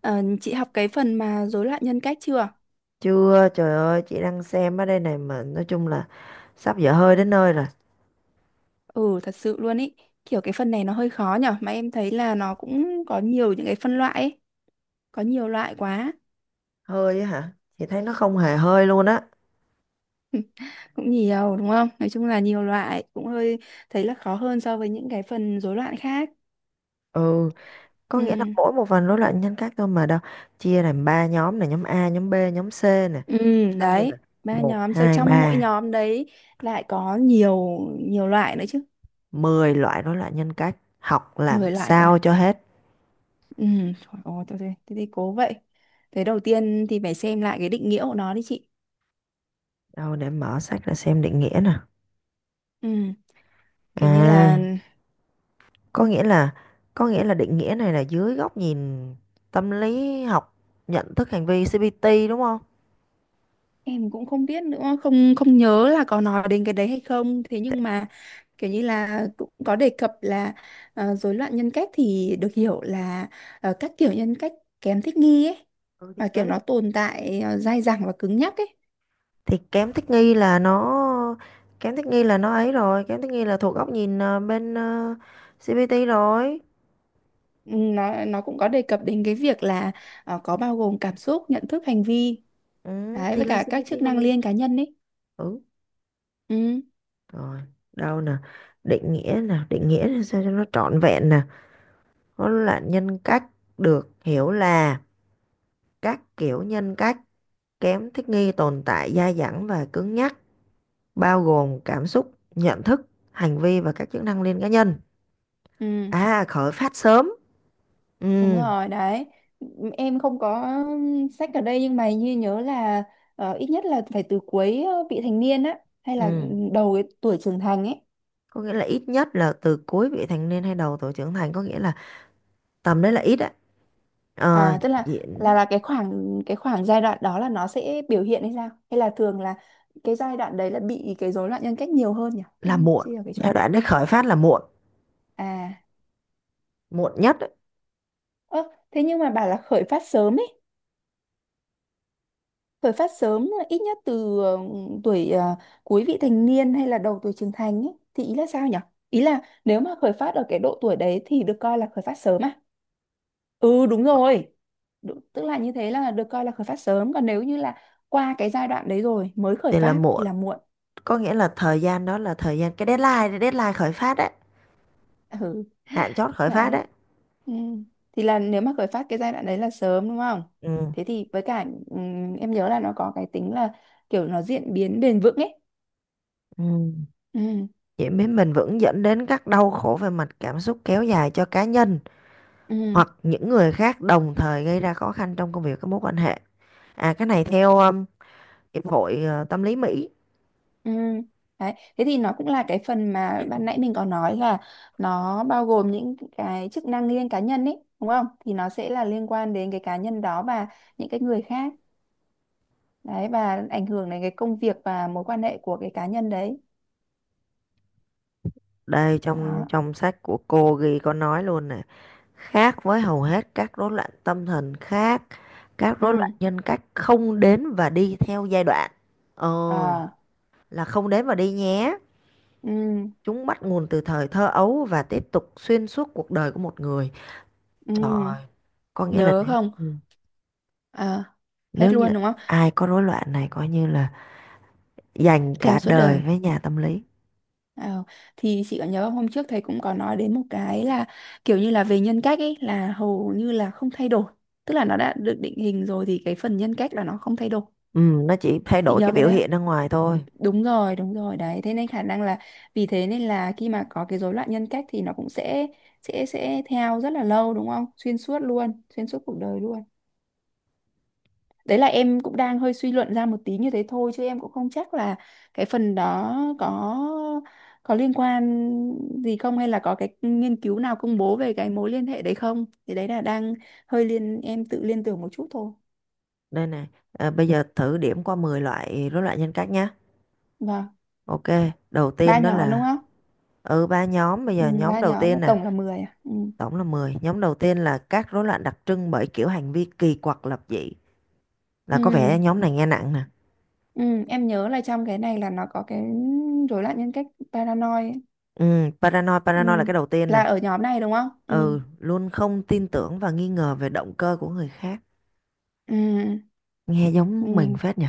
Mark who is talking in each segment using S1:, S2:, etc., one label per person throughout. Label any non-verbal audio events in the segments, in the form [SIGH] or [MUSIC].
S1: Ờ, chị học cái phần mà rối loạn nhân cách chưa?
S2: Chưa, trời ơi, chị đang xem ở đây này mà nói chung là sắp dở hơi đến nơi rồi.
S1: Ừ, thật sự luôn ý. Kiểu cái phần này nó hơi khó nhở, mà em thấy là nó cũng có nhiều những cái phân loại ấy, có nhiều loại quá.
S2: Hơi á hả? Chị thấy nó không hề hơi luôn á.
S1: [LAUGHS] Cũng nhiều đúng không? Nói chung là nhiều loại, cũng hơi thấy là khó hơn so với những cái phần rối loạn khác.
S2: Ừ, có nghĩa là
S1: Ừ.
S2: mỗi một phần rối loạn nhân cách thôi mà đâu. Chia làm ba nhóm này, nhóm A, nhóm B, nhóm C nè.
S1: Ừ,
S2: Bao nhiêu nè?
S1: đấy, ba
S2: Một
S1: nhóm rồi
S2: hai
S1: trong mỗi
S2: ba
S1: nhóm đấy lại có nhiều nhiều loại nữa chứ.
S2: mười loại rối loạn nhân cách. Học làm
S1: 10 loại cơ
S2: sao
S1: à?
S2: cho hết.
S1: Ừ, trời ơi, thế thì cố vậy. Thế đầu tiên thì phải xem lại cái định nghĩa của nó đi chị.
S2: Đâu để mở sách ra xem định nghĩa nè.
S1: Ừ. Kiểu như là
S2: À, có nghĩa là có nghĩa là định nghĩa này là dưới góc nhìn tâm lý học nhận thức hành vi CBT đúng không?
S1: em cũng không biết nữa, không không nhớ là có nói đến cái đấy hay không, thế nhưng mà kiểu như là cũng có đề cập là rối loạn nhân cách thì được hiểu là các kiểu nhân cách kém thích nghi ấy,
S2: Ừ, thì
S1: và kiểu
S2: kém
S1: nó tồn tại dai dẳng và cứng nhắc ấy.
S2: thì kém thích nghi là nó, kém thích nghi là thuộc góc nhìn bên CPT rồi.
S1: Ừ, nó cũng có đề cập đến cái việc là có bao gồm cảm xúc, nhận thức, hành vi
S2: Ừ,
S1: đấy,
S2: thì
S1: với
S2: là
S1: cả các
S2: CPT
S1: chức
S2: còn
S1: năng
S2: gì nữa.
S1: liên cá nhân ấy.
S2: Ừ,
S1: Ừ,
S2: rồi đâu nè, định nghĩa nè, định nghĩa là sao cho nó trọn vẹn nè. Nó là nhân cách được hiểu là các kiểu nhân cách kém thích nghi, tồn tại dai dẳng và cứng nhắc, bao gồm cảm xúc, nhận thức, hành vi và các chức năng liên cá nhân.
S1: ừ.
S2: À, khởi phát sớm.
S1: Đúng
S2: Ừ.
S1: rồi đấy, em không có sách ở đây nhưng mà như nhớ là ít nhất là phải từ cuối vị thành niên á, hay
S2: Ừ,
S1: là đầu cái tuổi trưởng thành ấy.
S2: có nghĩa là ít nhất là từ cuối vị thành niên hay đầu tuổi trưởng thành, có nghĩa là tầm đấy là ít á. ờ,
S1: À tức là
S2: diễn
S1: cái khoảng giai đoạn đó là nó sẽ biểu hiện hay sao, hay là thường là cái giai đoạn đấy là bị cái rối loạn nhân cách nhiều hơn nhỉ,
S2: là
S1: em
S2: muộn,
S1: chia ở cái chỗ
S2: giai
S1: này.
S2: đoạn đấy khởi phát là muộn,
S1: À,
S2: muộn nhất ấy,
S1: ơ thế nhưng mà bảo là khởi phát sớm ấy, khởi phát sớm là ít nhất từ tuổi cuối vị thành niên hay là đầu tuổi trưởng thành ấy, thì ý là sao nhỉ? Ý là nếu mà khởi phát ở cái độ tuổi đấy thì được coi là khởi phát sớm à? Ừ đúng rồi. Tức là như thế là được coi là khởi phát sớm, còn nếu như là qua cái giai đoạn đấy rồi mới khởi
S2: thì là
S1: phát thì
S2: muộn.
S1: là muộn.
S2: Có nghĩa là thời gian đó là thời gian cái deadline deadline khởi phát đấy,
S1: [LAUGHS] Ừ.
S2: hạn chót khởi phát
S1: Đấy.
S2: đấy.
S1: Ừ. Thì là nếu mà khởi phát cái giai đoạn đấy là sớm đúng không?
S2: Ừ.
S1: Thế thì với cả em nhớ là nó có cái tính là kiểu nó diễn biến bền vững ấy.
S2: Ừ.
S1: Ừ.
S2: Diễn biến bền vững dẫn đến các đau khổ về mặt cảm xúc kéo dài cho cá nhân
S1: Ừ.
S2: hoặc những người khác, đồng thời gây ra khó khăn trong công việc, các mối quan hệ. À, cái này theo hiệp hội tâm lý Mỹ.
S1: Ừ. Đấy. Thế thì nó cũng là cái phần mà ban nãy mình có nói là nó bao gồm những cái chức năng riêng cá nhân ấy, đúng không? Thì nó sẽ là liên quan đến cái cá nhân đó và những cái người khác. Đấy, và ảnh hưởng đến cái công việc và mối quan hệ của cái cá nhân đấy.
S2: Đây, trong
S1: Đó.
S2: trong sách của cô ghi có nói luôn nè, khác với hầu hết các rối loạn tâm thần khác, các
S1: Ừ.
S2: rối loạn nhân cách không đến và đi theo giai đoạn. Ờ,
S1: À.
S2: là không đến và đi nhé.
S1: Ừ.
S2: Chúng bắt nguồn từ thời thơ ấu và tiếp tục xuyên suốt cuộc đời của một người.
S1: Ừ.
S2: Trời ơi, có nghĩa là
S1: Nhớ
S2: nếu
S1: không?
S2: ừ,
S1: À.
S2: nếu
S1: Hết
S2: như
S1: luôn đúng không?
S2: ai có rối loạn này coi như là dành
S1: Theo
S2: cả
S1: suốt
S2: đời
S1: đời.
S2: với nhà tâm lý.
S1: Ờ, thì chị có nhớ không? Hôm trước thầy cũng có nói đến một cái là kiểu như là về nhân cách ấy là hầu như là không thay đổi, tức là nó đã được định hình rồi thì cái phần nhân cách là nó không thay đổi,
S2: Ừ, nó chỉ thay
S1: chị
S2: đổi cái
S1: nhớ cái
S2: biểu
S1: đấy không?
S2: hiện ra ngoài thôi.
S1: Đúng rồi, đúng rồi đấy, thế nên khả năng là vì thế nên là khi mà có cái rối loạn nhân cách thì nó cũng sẽ, sẽ theo rất là lâu đúng không, xuyên suốt luôn, xuyên suốt cuộc đời luôn. Đấy là em cũng đang hơi suy luận ra một tí như thế thôi, chứ em cũng không chắc là cái phần đó có liên quan gì không, hay là có cái nghiên cứu nào công bố về cái mối liên hệ đấy không? Thì đấy là đang hơi em tự liên tưởng một chút thôi.
S2: Đây này, à, bây giờ thử điểm qua 10 loại rối loạn nhân cách nhé.
S1: Vâng,
S2: Ok, đầu
S1: ba
S2: tiên đó
S1: nhóm đúng
S2: là
S1: không?
S2: ừ ba nhóm, bây
S1: Ừ,
S2: giờ nhóm
S1: ba
S2: đầu
S1: nhóm và
S2: tiên nè,
S1: tổng là 10 à? Ừ.
S2: tổng là mười. Nhóm đầu tiên là các rối loạn đặc trưng bởi kiểu hành vi kỳ quặc, lập dị. Là
S1: Ừ.
S2: có vẻ nhóm này nghe nặng nè.
S1: Ừ, em nhớ là trong cái này là nó có cái rối loạn nhân cách paranoid ấy.
S2: Ừ, paranoid,
S1: Ừ.
S2: paranoid là cái đầu tiên nè.
S1: Là ở nhóm này đúng không? Ừ.
S2: Ừ, luôn không tin tưởng và nghi ngờ về động cơ của người khác.
S1: Ừ.
S2: Nghe giống mình
S1: Ừ.
S2: phết nhỉ.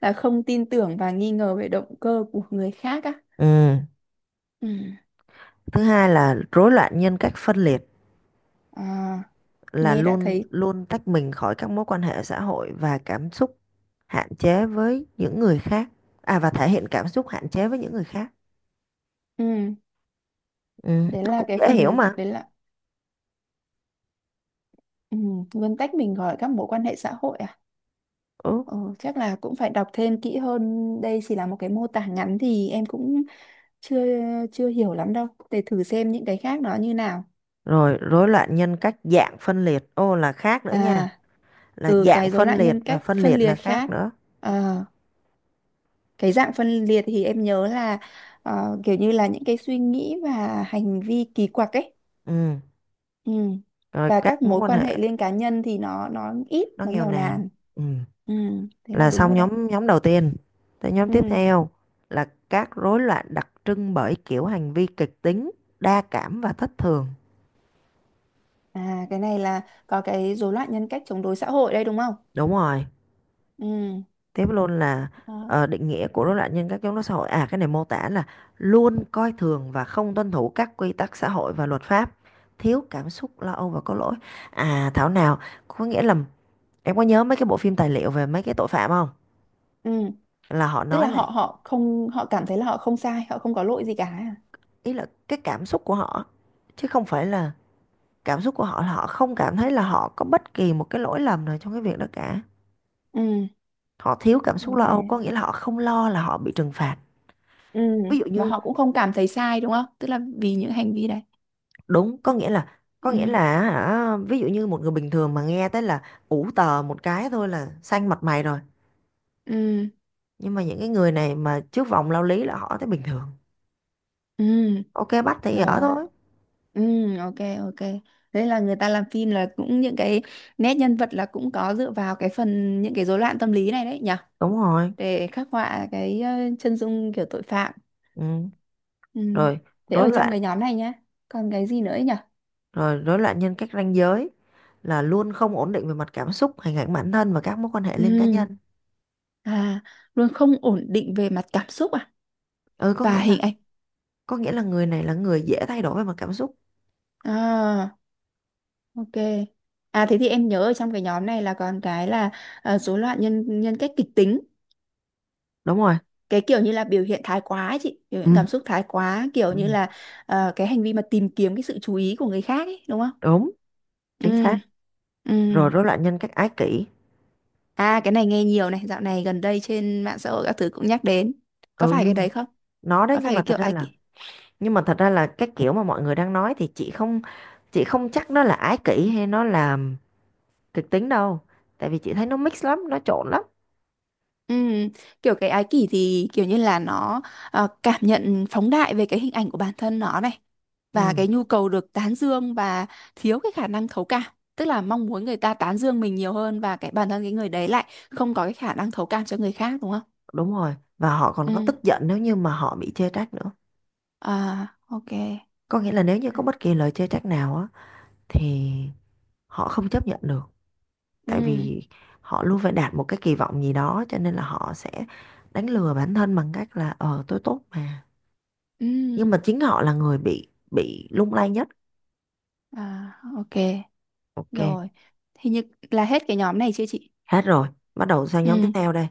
S1: Là không tin tưởng và nghi ngờ về động cơ của người khác á.
S2: Ừ,
S1: Ừ.
S2: thứ hai là rối loạn nhân cách phân liệt,
S1: À,
S2: là
S1: nghe đã
S2: luôn
S1: thấy.
S2: luôn tách mình khỏi các mối quan hệ xã hội và cảm xúc hạn chế với những người khác. À và thể hiện cảm xúc hạn chế với những người khác.
S1: Ừ.
S2: Ừ,
S1: Đấy
S2: nó
S1: là
S2: cũng
S1: cái
S2: dễ hiểu
S1: phần
S2: mà.
S1: đấy là ừ, nguyên tắc mình gọi các mối quan hệ xã hội à.
S2: Ừ.
S1: Ừ. Chắc là cũng phải đọc thêm kỹ hơn, đây chỉ là một cái mô tả ngắn thì em cũng chưa chưa hiểu lắm đâu, để thử xem những cái khác nó như nào.
S2: Rồi rối loạn nhân cách dạng phân liệt. Ô là khác nữa nha.
S1: À
S2: Là
S1: ừ,
S2: dạng
S1: cái rối
S2: phân
S1: loạn
S2: liệt
S1: nhân
S2: và
S1: cách
S2: phân
S1: phân
S2: liệt
S1: liệt
S2: là khác
S1: khác.
S2: nữa.
S1: Ờ, cái dạng phân liệt thì em nhớ là kiểu như là những cái suy nghĩ và hành vi kỳ quặc ấy.
S2: Ừ.
S1: Ừ.
S2: Rồi
S1: Và các
S2: các mối
S1: mối
S2: quan
S1: quan hệ
S2: hệ
S1: liên cá nhân thì nó ít,
S2: nó
S1: nó
S2: nghèo
S1: nghèo
S2: nàn.
S1: nàn.
S2: Ừ.
S1: Ừ. Thế là
S2: Là
S1: đúng
S2: xong
S1: rồi đấy.
S2: nhóm nhóm đầu tiên. Tới nhóm tiếp
S1: Ừ.
S2: theo là các rối loạn đặc trưng bởi kiểu hành vi kịch tính, đa cảm và thất thường.
S1: À cái này là có cái rối loạn nhân cách chống đối xã hội đây đúng không.
S2: Đúng rồi.
S1: Ừ.
S2: Tiếp luôn là
S1: Đó.
S2: định nghĩa của rối loạn nhân cách chống đối xã hội, à cái này mô tả là luôn coi thường và không tuân thủ các quy tắc xã hội và luật pháp, thiếu cảm xúc lo âu và có lỗi. À thảo nào. Có nghĩa là em có nhớ mấy cái bộ phim tài liệu về mấy cái tội phạm không,
S1: Ừ.
S2: là họ
S1: Tức là
S2: nói là,
S1: họ họ không, họ cảm thấy là họ không sai, họ không có lỗi gì cả à?
S2: ý là cái cảm xúc của họ chứ không phải là, cảm xúc của họ là họ không cảm thấy là họ có bất kỳ một cái lỗi lầm nào trong cái việc đó cả.
S1: Ừ.
S2: Họ thiếu cảm xúc lo
S1: Ok.
S2: âu có nghĩa là họ không lo là họ bị trừng phạt.
S1: Ừ.
S2: Ví dụ
S1: Và
S2: như,
S1: họ cũng không cảm thấy sai đúng không, tức là vì những hành vi đấy.
S2: đúng, có nghĩa là có nghĩa
S1: Ừ.
S2: là hả, ví dụ như một người bình thường mà nghe tới là ủ tờ một cái thôi là xanh mặt mày rồi,
S1: Ừ.
S2: nhưng mà những cái người này mà trước vòng lao lý là họ thấy bình thường.
S1: Ừ.
S2: Ok bắt thì ở
S1: Rồi.
S2: thôi.
S1: Ừ, ok, ok, thế là người ta làm phim là cũng những cái nét nhân vật là cũng có dựa vào cái phần những cái rối loạn tâm lý này đấy nhỉ,
S2: Đúng rồi.
S1: để khắc họa cái chân dung kiểu tội phạm.
S2: Ừ.
S1: Ừ.
S2: rồi
S1: Thế
S2: rối
S1: ở trong
S2: loạn
S1: cái nhóm này nhá, còn cái gì nữa nhỉ.
S2: Rồi rối loạn nhân cách ranh giới là luôn không ổn định về mặt cảm xúc, hình ảnh bản thân và các mối quan hệ liên cá
S1: Ừ.
S2: nhân.
S1: À, luôn không ổn định về mặt cảm xúc à,
S2: Ừ, có
S1: và
S2: nghĩa là
S1: hình ảnh.
S2: có nghĩa là người này là người dễ thay đổi về mặt cảm xúc.
S1: À, ok. À thế thì em nhớ ở trong cái nhóm này là còn cái là rối loạn nhân nhân cách kịch tính,
S2: Đúng rồi.
S1: cái kiểu như là biểu hiện thái quá ấy chị, biểu
S2: Ừ.
S1: hiện cảm xúc thái quá, kiểu
S2: Ừ,
S1: như là cái hành vi mà tìm kiếm cái sự chú ý của người khác ấy đúng không.
S2: đúng, chính xác.
S1: Ừ. Ừ.
S2: Rồi rối loạn nhân cách ái kỷ.
S1: À cái này nghe nhiều này, dạo này gần đây trên mạng xã hội các thứ cũng nhắc đến, có
S2: Ừ,
S1: phải cái
S2: nhưng mà
S1: đấy không,
S2: nó đấy,
S1: có
S2: nhưng
S1: phải
S2: mà
S1: cái
S2: thật
S1: kiểu
S2: ra
S1: ai.
S2: là, nhưng mà thật ra là cái kiểu mà mọi người đang nói thì chị không, chị không chắc nó là ái kỷ hay nó là kịch tính đâu, tại vì chị thấy nó mix lắm, nó trộn lắm.
S1: Ừm, kiểu cái ái kỷ thì kiểu như là nó cảm nhận phóng đại về cái hình ảnh của bản thân nó này, và
S2: Ừ,
S1: cái nhu cầu được tán dương, và thiếu cái khả năng thấu cảm, tức là mong muốn người ta tán dương mình nhiều hơn, và cái bản thân cái người đấy lại không có cái khả năng thấu cảm cho người khác đúng không?
S2: đúng rồi, và họ còn có tức
S1: Ừ.
S2: giận nếu như mà họ bị chê trách nữa.
S1: À ok.
S2: Có nghĩa là nếu như có bất kỳ lời chê trách nào á thì họ không chấp nhận được, tại
S1: Ừ.
S2: vì họ luôn phải đạt một cái kỳ vọng gì đó cho nên là họ sẽ đánh lừa bản thân bằng cách là ờ tôi tốt mà,
S1: Ừ.
S2: nhưng mà chính họ là người bị lung lay nhất.
S1: À ok.
S2: Ok,
S1: Rồi. Thì như là hết cái nhóm này chưa chị?
S2: hết rồi. Bắt đầu sang nhóm tiếp
S1: Ừ.
S2: theo đây,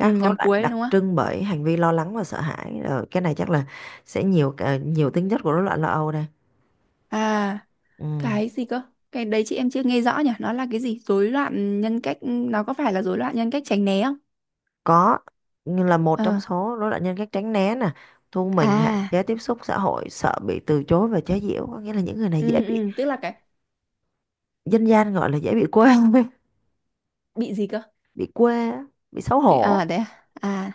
S1: Ừ,
S2: rối
S1: nhóm
S2: loạn
S1: cuối đấy
S2: đặc
S1: đúng không?
S2: trưng bởi hành vi lo lắng và sợ hãi. Ờ, cái này chắc là sẽ nhiều nhiều tính chất của rối loạn lo âu đây.
S1: À.
S2: Ừ.
S1: Cái gì cơ? Cái đấy chị em chưa nghe rõ nhỉ? Nó là cái gì? Rối loạn nhân cách, nó có phải là rối loạn nhân cách tránh né không?
S2: Có, như là một trong
S1: Ờ.
S2: số rối loạn nhân cách tránh né nè, thu mình, hạn
S1: À,
S2: chế tiếp xúc xã hội, sợ bị từ chối và chế giễu. Có nghĩa là những người này dễ
S1: ừ,
S2: bị,
S1: ừ, tức là cái
S2: dân gian gọi là dễ bị quê [LAUGHS]
S1: bị gì cơ?
S2: bị quê á, bị xấu hổ.
S1: À, đấy à? À,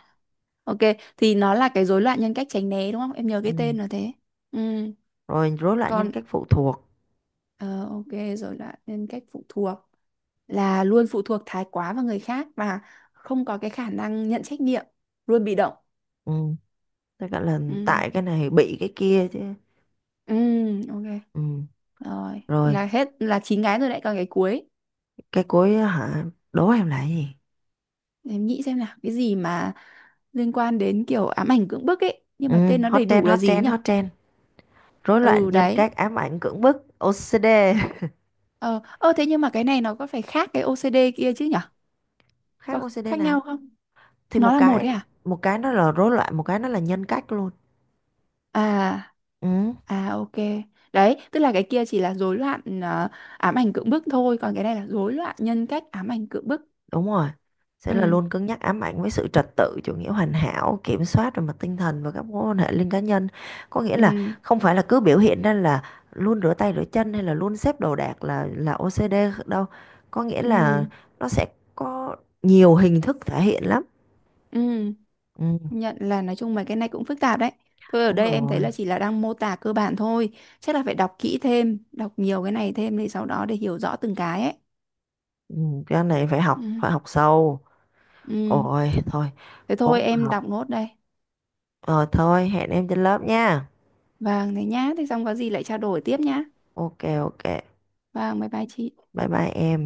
S1: ok. Thì nó là cái rối loạn nhân cách tránh né đúng không? Em nhớ
S2: Ừ.
S1: cái tên là thế. Ừ,
S2: Rồi rối loạn nhân
S1: còn,
S2: cách phụ thuộc.
S1: ờ, ok, rối loạn nhân cách phụ thuộc là luôn phụ thuộc thái quá vào người khác và không có cái khả năng nhận trách nhiệm, luôn bị động.
S2: Ừ. Tức là
S1: Ừ,
S2: tại cái này bị cái kia chứ.
S1: ừ, ok.
S2: Ừ.
S1: Rồi,
S2: Rồi
S1: là hết, là chín cái rồi đấy, còn cái cuối.
S2: cái cuối á hả, đố em là cái gì.
S1: Để em nghĩ xem là cái gì mà liên quan đến kiểu ám ảnh cưỡng bức ấy, nhưng
S2: Ừ,
S1: mà tên nó
S2: hot
S1: đầy đủ
S2: trend,
S1: là
S2: hot
S1: gì
S2: trend,
S1: nhỉ?
S2: hot trend. Rối loạn
S1: Ừ
S2: nhân
S1: đấy.
S2: cách ám ảnh cưỡng bức, OCD. [LAUGHS]
S1: Ờ thế nhưng mà cái này nó có phải khác cái OCD kia chứ nhỉ?
S2: Khác
S1: Có
S2: OCD
S1: khác
S2: nào?
S1: nhau không?
S2: Thì
S1: Nó
S2: một
S1: là một
S2: cái,
S1: đấy à?
S2: một cái nó là rối loạn, một cái nó là nhân cách luôn.
S1: À,
S2: Ừ,
S1: à ok. Đấy, tức là cái kia chỉ là rối loạn ám ảnh cưỡng bức thôi, còn cái này là rối loạn nhân cách ám ảnh cưỡng bức.
S2: đúng rồi. Sẽ là
S1: Ừ,
S2: luôn cứng nhắc, ám ảnh với sự trật tự, chủ nghĩa hoàn hảo, kiểm soát về mặt tinh thần và các mối quan hệ liên cá nhân. Có nghĩa là
S1: ừ,
S2: không phải là cứ biểu hiện ra là luôn rửa tay rửa chân hay là luôn xếp đồ đạc là OCD đâu. Có nghĩa là
S1: ừ,
S2: nó sẽ có nhiều hình thức thể hiện lắm.
S1: ừ.
S2: Ừ,
S1: Công nhận là nói chung mấy cái này cũng phức tạp đấy. Thôi ở
S2: đúng
S1: đây em thấy
S2: rồi.
S1: là chỉ là đang mô tả cơ bản thôi. Chắc là phải đọc kỹ thêm, đọc nhiều cái này thêm để sau đó để hiểu rõ từng cái ấy.
S2: Ừ, cái này phải
S1: Ừ.
S2: học, phải học sâu.
S1: Ừ.
S2: Ôi thôi,
S1: Thế
S2: cố
S1: thôi
S2: mà
S1: em đọc
S2: học.
S1: nốt đây.
S2: Rồi thôi, hẹn em trên lớp nha.
S1: Vâng, thế nhá. Thế xong có gì lại trao đổi tiếp nhá.
S2: Ok, ok,
S1: Vâng, bye bye chị.
S2: bye bye em.